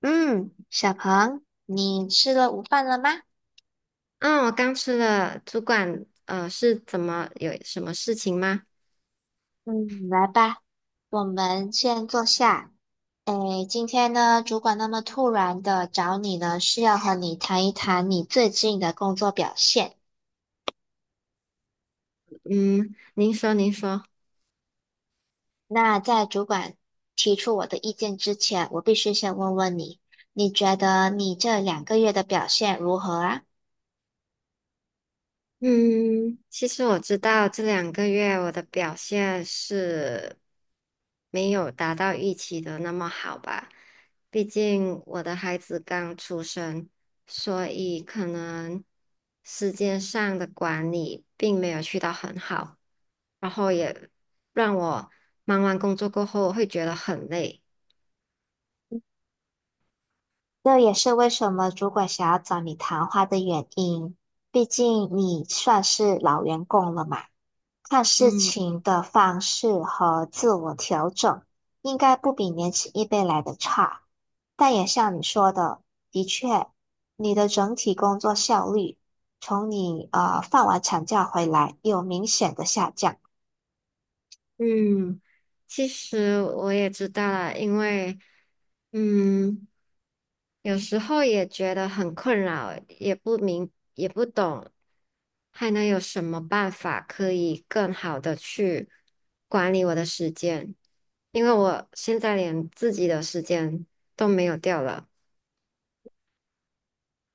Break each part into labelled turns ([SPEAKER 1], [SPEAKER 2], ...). [SPEAKER 1] 嗯，小鹏，你吃了午饭了吗？
[SPEAKER 2] 嗯，我刚吃了，主管，是怎么有什么事情吗？
[SPEAKER 1] 嗯，来吧，我们先坐下。诶，今天呢，主管那么突然的找你呢，是要和你谈一谈你最近的工作表现。
[SPEAKER 2] 嗯，您说，您说。
[SPEAKER 1] 那在主管提出我的意见之前，我必须先问问你，你觉得你这两个月的表现如何啊？
[SPEAKER 2] 嗯，其实我知道这2个月我的表现是没有达到预期的那么好吧，毕竟我的孩子刚出生，所以可能时间上的管理并没有去到很好，然后也让我忙完工作过后会觉得很累。
[SPEAKER 1] 这也是为什么主管想要找你谈话的原因。毕竟你算是老员工了嘛，看事
[SPEAKER 2] 嗯。
[SPEAKER 1] 情的方式和自我调整，应该不比年轻一辈来的差。但也像你说的，的确，你的整体工作效率从你放完产假回来有明显的下降。
[SPEAKER 2] 嗯，其实我也知道了，因为嗯，有时候也觉得很困扰，也不懂，还能有什么办法可以更好的去管理我的时间？因为我现在连自己的时间都没有掉了。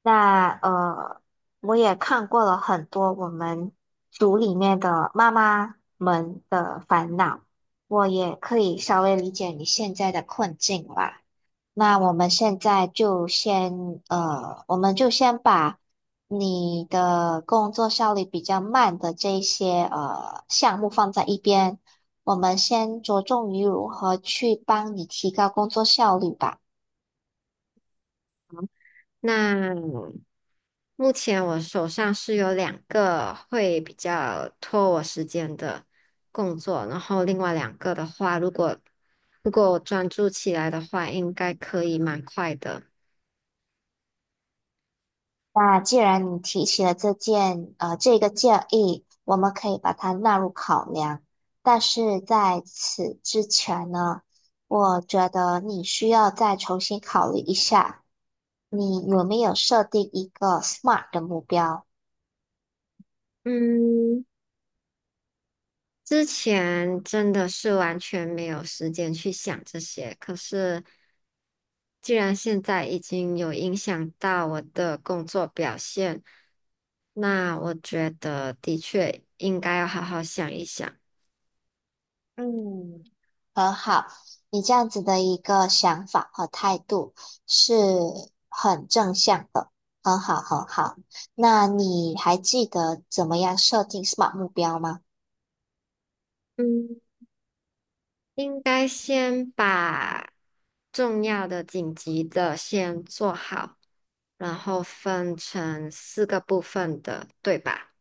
[SPEAKER 1] 那我也看过了很多我们组里面的妈妈们的烦恼，我也可以稍微理解你现在的困境吧。那我们现在就先，我们就先把你的工作效率比较慢的这一些项目放在一边，我们先着重于如何去帮你提高工作效率吧。
[SPEAKER 2] 那目前我手上是有两个会比较拖我时间的工作，然后另外两个的话，如果我专注起来的话，应该可以蛮快的。
[SPEAKER 1] 那既然你提起了这件这个建议，我们可以把它纳入考量。但是在此之前呢，我觉得你需要再重新考虑一下，你有没有设定一个 SMART 的目标？
[SPEAKER 2] 嗯，之前真的是完全没有时间去想这些，可是既然现在已经有影响到我的工作表现，那我觉得的确应该要好好想一想。
[SPEAKER 1] 嗯，很好，你这样子的一个想法和态度是很正向的，很好很好。那你还记得怎么样设定 SMART 目标吗？
[SPEAKER 2] 嗯。应该先把重要的、紧急的先做好，然后分成四个部分的，对吧？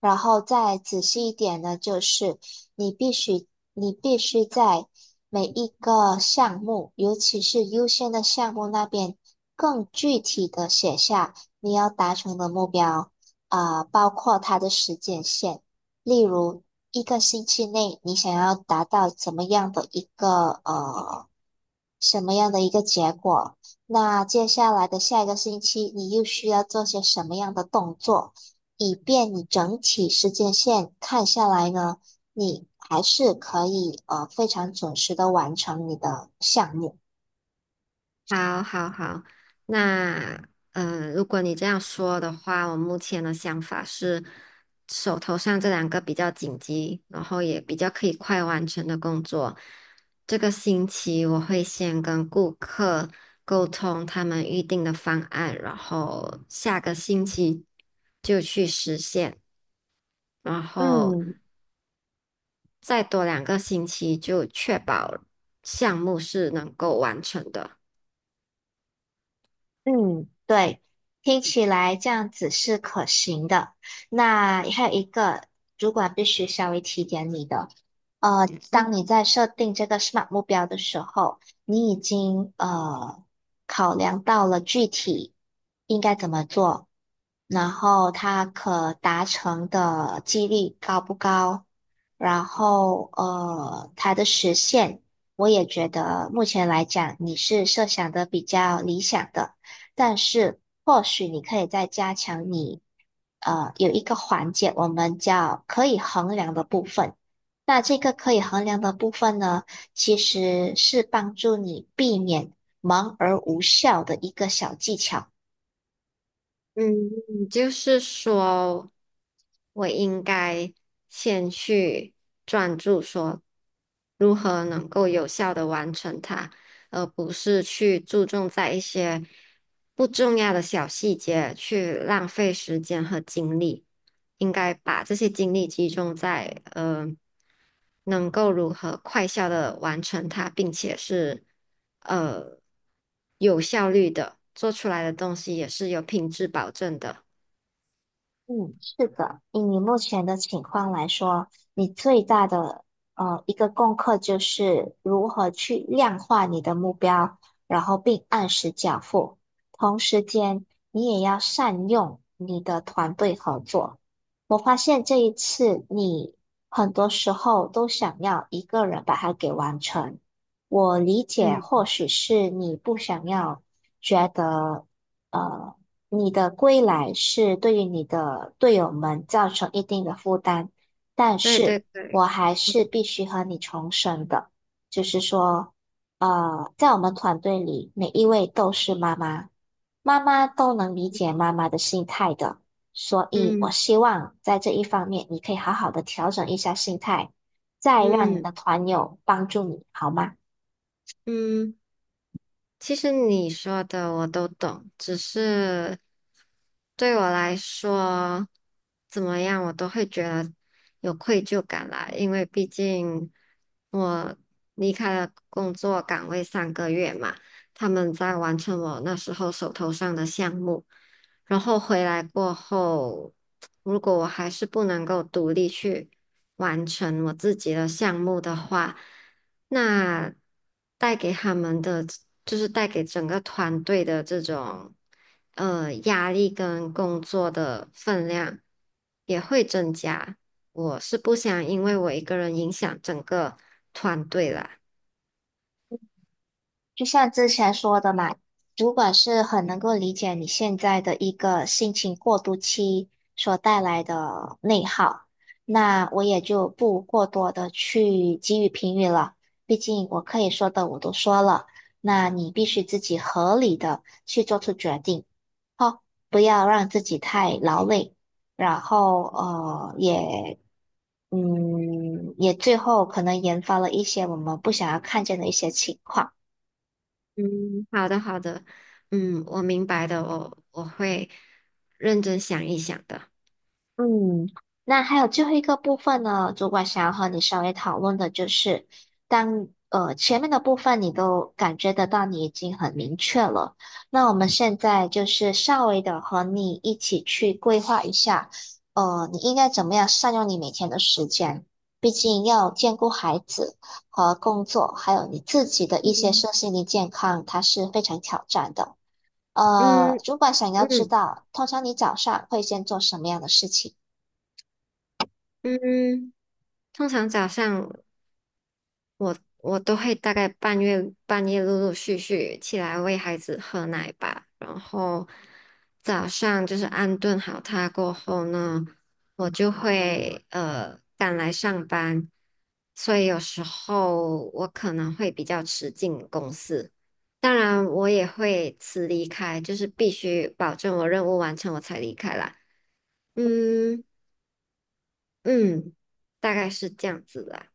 [SPEAKER 1] 然后再仔细一点呢，就是你必须你必须在每一个项目，尤其是优先的项目那边，更具体的写下你要达成的目标，啊、包括它的时间线，例如一个星期内你想要达到怎么样的一个呃什么样的一个结果。那接下来的下一个星期，你又需要做些什么样的动作，以便你整体时间线看下来呢？你还是可以非常准时的完成你的项目。
[SPEAKER 2] 好，好，好。那，如果你这样说的话，我目前的想法是，手头上这两个比较紧急，然后也比较可以快完成的工作，这个星期我会先跟顾客沟通他们预定的方案，然后下个星期就去实现，然后
[SPEAKER 1] 嗯，
[SPEAKER 2] 再多2个星期就确保项目是能够完成的。
[SPEAKER 1] 嗯，对，听起来这样子是可行的。那还有一个，主管必须稍微提点你的，
[SPEAKER 2] 嗯。
[SPEAKER 1] 当你在设定这个 SMART 目标的时候，你已经考量到了具体应该怎么做，然后它可达成的几率高不高，然后它的实现，我也觉得目前来讲你是设想的比较理想的。但是或许你可以再加强你，有一个环节我们叫可以衡量的部分。那这个可以衡量的部分呢，其实是帮助你避免忙而无效的一个小技巧。
[SPEAKER 2] 嗯，就是说，我应该先去专注，说如何能够有效的完成它，而不是去注重在一些不重要的小细节去浪费时间和精力。应该把这些精力集中在能够如何快效的完成它，并且是呃有效率的，做出来的东西也是有品质保证的。
[SPEAKER 1] 嗯，是的，以你目前的情况来说，你最大的一个功课就是如何去量化你的目标，然后并按时缴付。同时间，你也要善用你的团队合作。我发现这一次你很多时候都想要一个人把它给完成。我理解，或
[SPEAKER 2] 嗯
[SPEAKER 1] 许是你不想要觉得。呃。你的归来是对于你的队友们造成一定的负担，但
[SPEAKER 2] 对对
[SPEAKER 1] 是我
[SPEAKER 2] 对，
[SPEAKER 1] 还是必须和你重申的，就是说，在我们团队里，每一位都是妈妈，妈妈都能理解妈妈的心态的，所以我
[SPEAKER 2] 嗯
[SPEAKER 1] 希望在这一方面，你可以好好的调整一下心态，再让你
[SPEAKER 2] 嗯
[SPEAKER 1] 的团友帮助你，好吗？
[SPEAKER 2] 嗯。其实你说的我都懂，只是对我来说，怎么样我都会觉得有愧疚感啦，因为毕竟我离开了工作岗位3个月嘛，他们在完成我那时候手头上的项目，然后回来过后，如果我还是不能够独立去完成我自己的项目的话，那带给他们的就是带给整个团队的这种压力跟工作的分量也会增加。我是不想因为我一个人影响整个团队啦。
[SPEAKER 1] 就像之前说的嘛，主管是很能够理解你现在的一个心情过渡期所带来的内耗，那我也就不过多的去给予评语了，毕竟我可以说的我都说了，那你必须自己合理的去做出决定，哦，不要让自己太劳累，然后呃也。嗯，也最后可能研发了一些我们不想要看见的一些情况。
[SPEAKER 2] 嗯，好的，好的，嗯，我明白的，我会认真想一想的。
[SPEAKER 1] 嗯，那还有最后一个部分呢，主管想要和你稍微讨论的就是，当前面的部分你都感觉得到你已经很明确了，那我们现在就是稍微的和你一起去规划一下，你应该怎么样善用你每天的时间，毕竟要兼顾孩子和工作，还有你自己的一些
[SPEAKER 2] 嗯
[SPEAKER 1] 身心灵健康，它是非常挑战的。
[SPEAKER 2] 嗯
[SPEAKER 1] 主管想要知
[SPEAKER 2] 嗯
[SPEAKER 1] 道，通常你早上会先做什么样的事情？
[SPEAKER 2] 嗯，通常早上我都会大概半夜半夜陆陆续续起来喂孩子喝奶吧，然后早上就是安顿好他过后呢，我就会赶来上班，所以有时候我可能会比较迟进公司，当然我也会迟离开，就是必须保证我任务完成我才离开啦。嗯。嗯，大概是这样子的。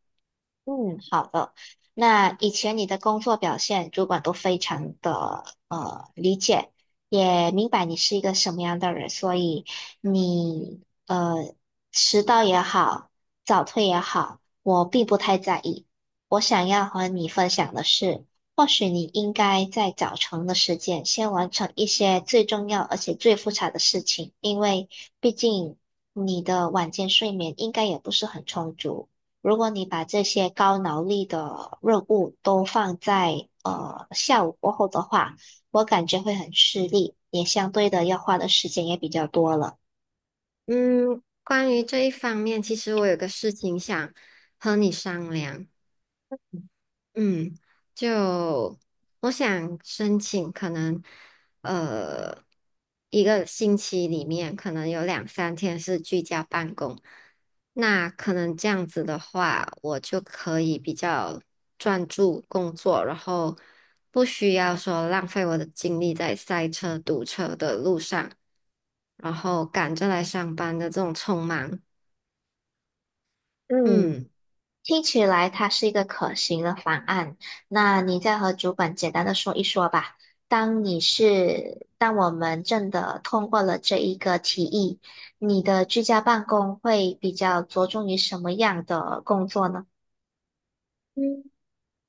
[SPEAKER 1] 嗯，好的。那以前你的工作表现，主管都非常的理解，也明白你是一个什么样的人，所以你迟到也好，早退也好，我并不太在意。我想要和你分享的是，或许你应该在早晨的时间先完成一些最重要而且最复杂的事情，因为毕竟你的晚间睡眠应该也不是很充足。如果你把这些高脑力的任务都放在下午过后的话，我感觉会很吃力，也相对的要花的时间也比较多了。
[SPEAKER 2] 嗯，关于这一方面，其实我有个事情想和你商量。嗯，就我想申请，可能呃一个星期里面可能有两三天是居家办公，那可能这样子的话，我就可以比较专注工作，然后不需要说浪费我的精力在塞车、堵车的路上，然后赶着来上班的这种匆忙。
[SPEAKER 1] 嗯，
[SPEAKER 2] 嗯。
[SPEAKER 1] 听起来它是一个可行的方案。那你再和主管简单的说一说吧。当你是，当我们真的通过了这一个提议，你的居家办公会比较着重于什么样的工作呢？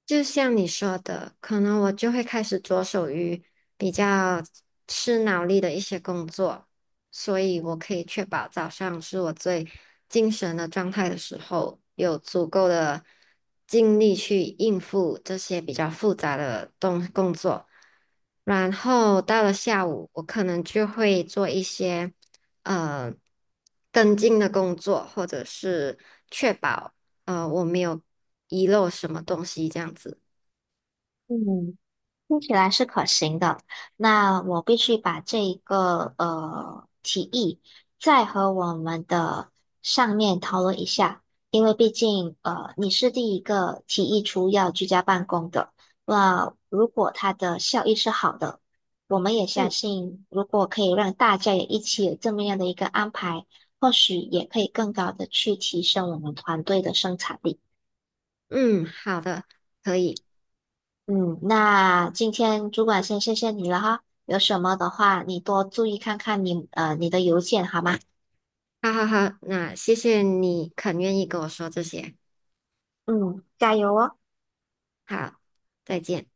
[SPEAKER 2] 就像你说的，可能我就会开始着手于比较吃脑力的一些工作，所以我可以确保早上是我最精神的状态的时候，有足够的精力去应付这些比较复杂的工作。然后到了下午，我可能就会做一些呃跟进的工作，或者是。确保。我没有遗漏什么东西这样子。
[SPEAKER 1] 嗯，听起来是可行的，那我必须把这一个提议再和我们的上面讨论一下，因为毕竟你是第一个提议出要居家办公的，那如果它的效益是好的，我们也相
[SPEAKER 2] 嗯
[SPEAKER 1] 信如果可以让大家也一起有这么样的一个安排，或许也可以更高的去提升我们团队的生产力。
[SPEAKER 2] 嗯，好的，可以，
[SPEAKER 1] 嗯，那今天主管先谢谢你了哈，有什么的话你多注意看看你的邮件好吗？
[SPEAKER 2] 好好好，那谢谢你肯愿意跟我说这些，
[SPEAKER 1] 嗯，加油哦。
[SPEAKER 2] 好，再见。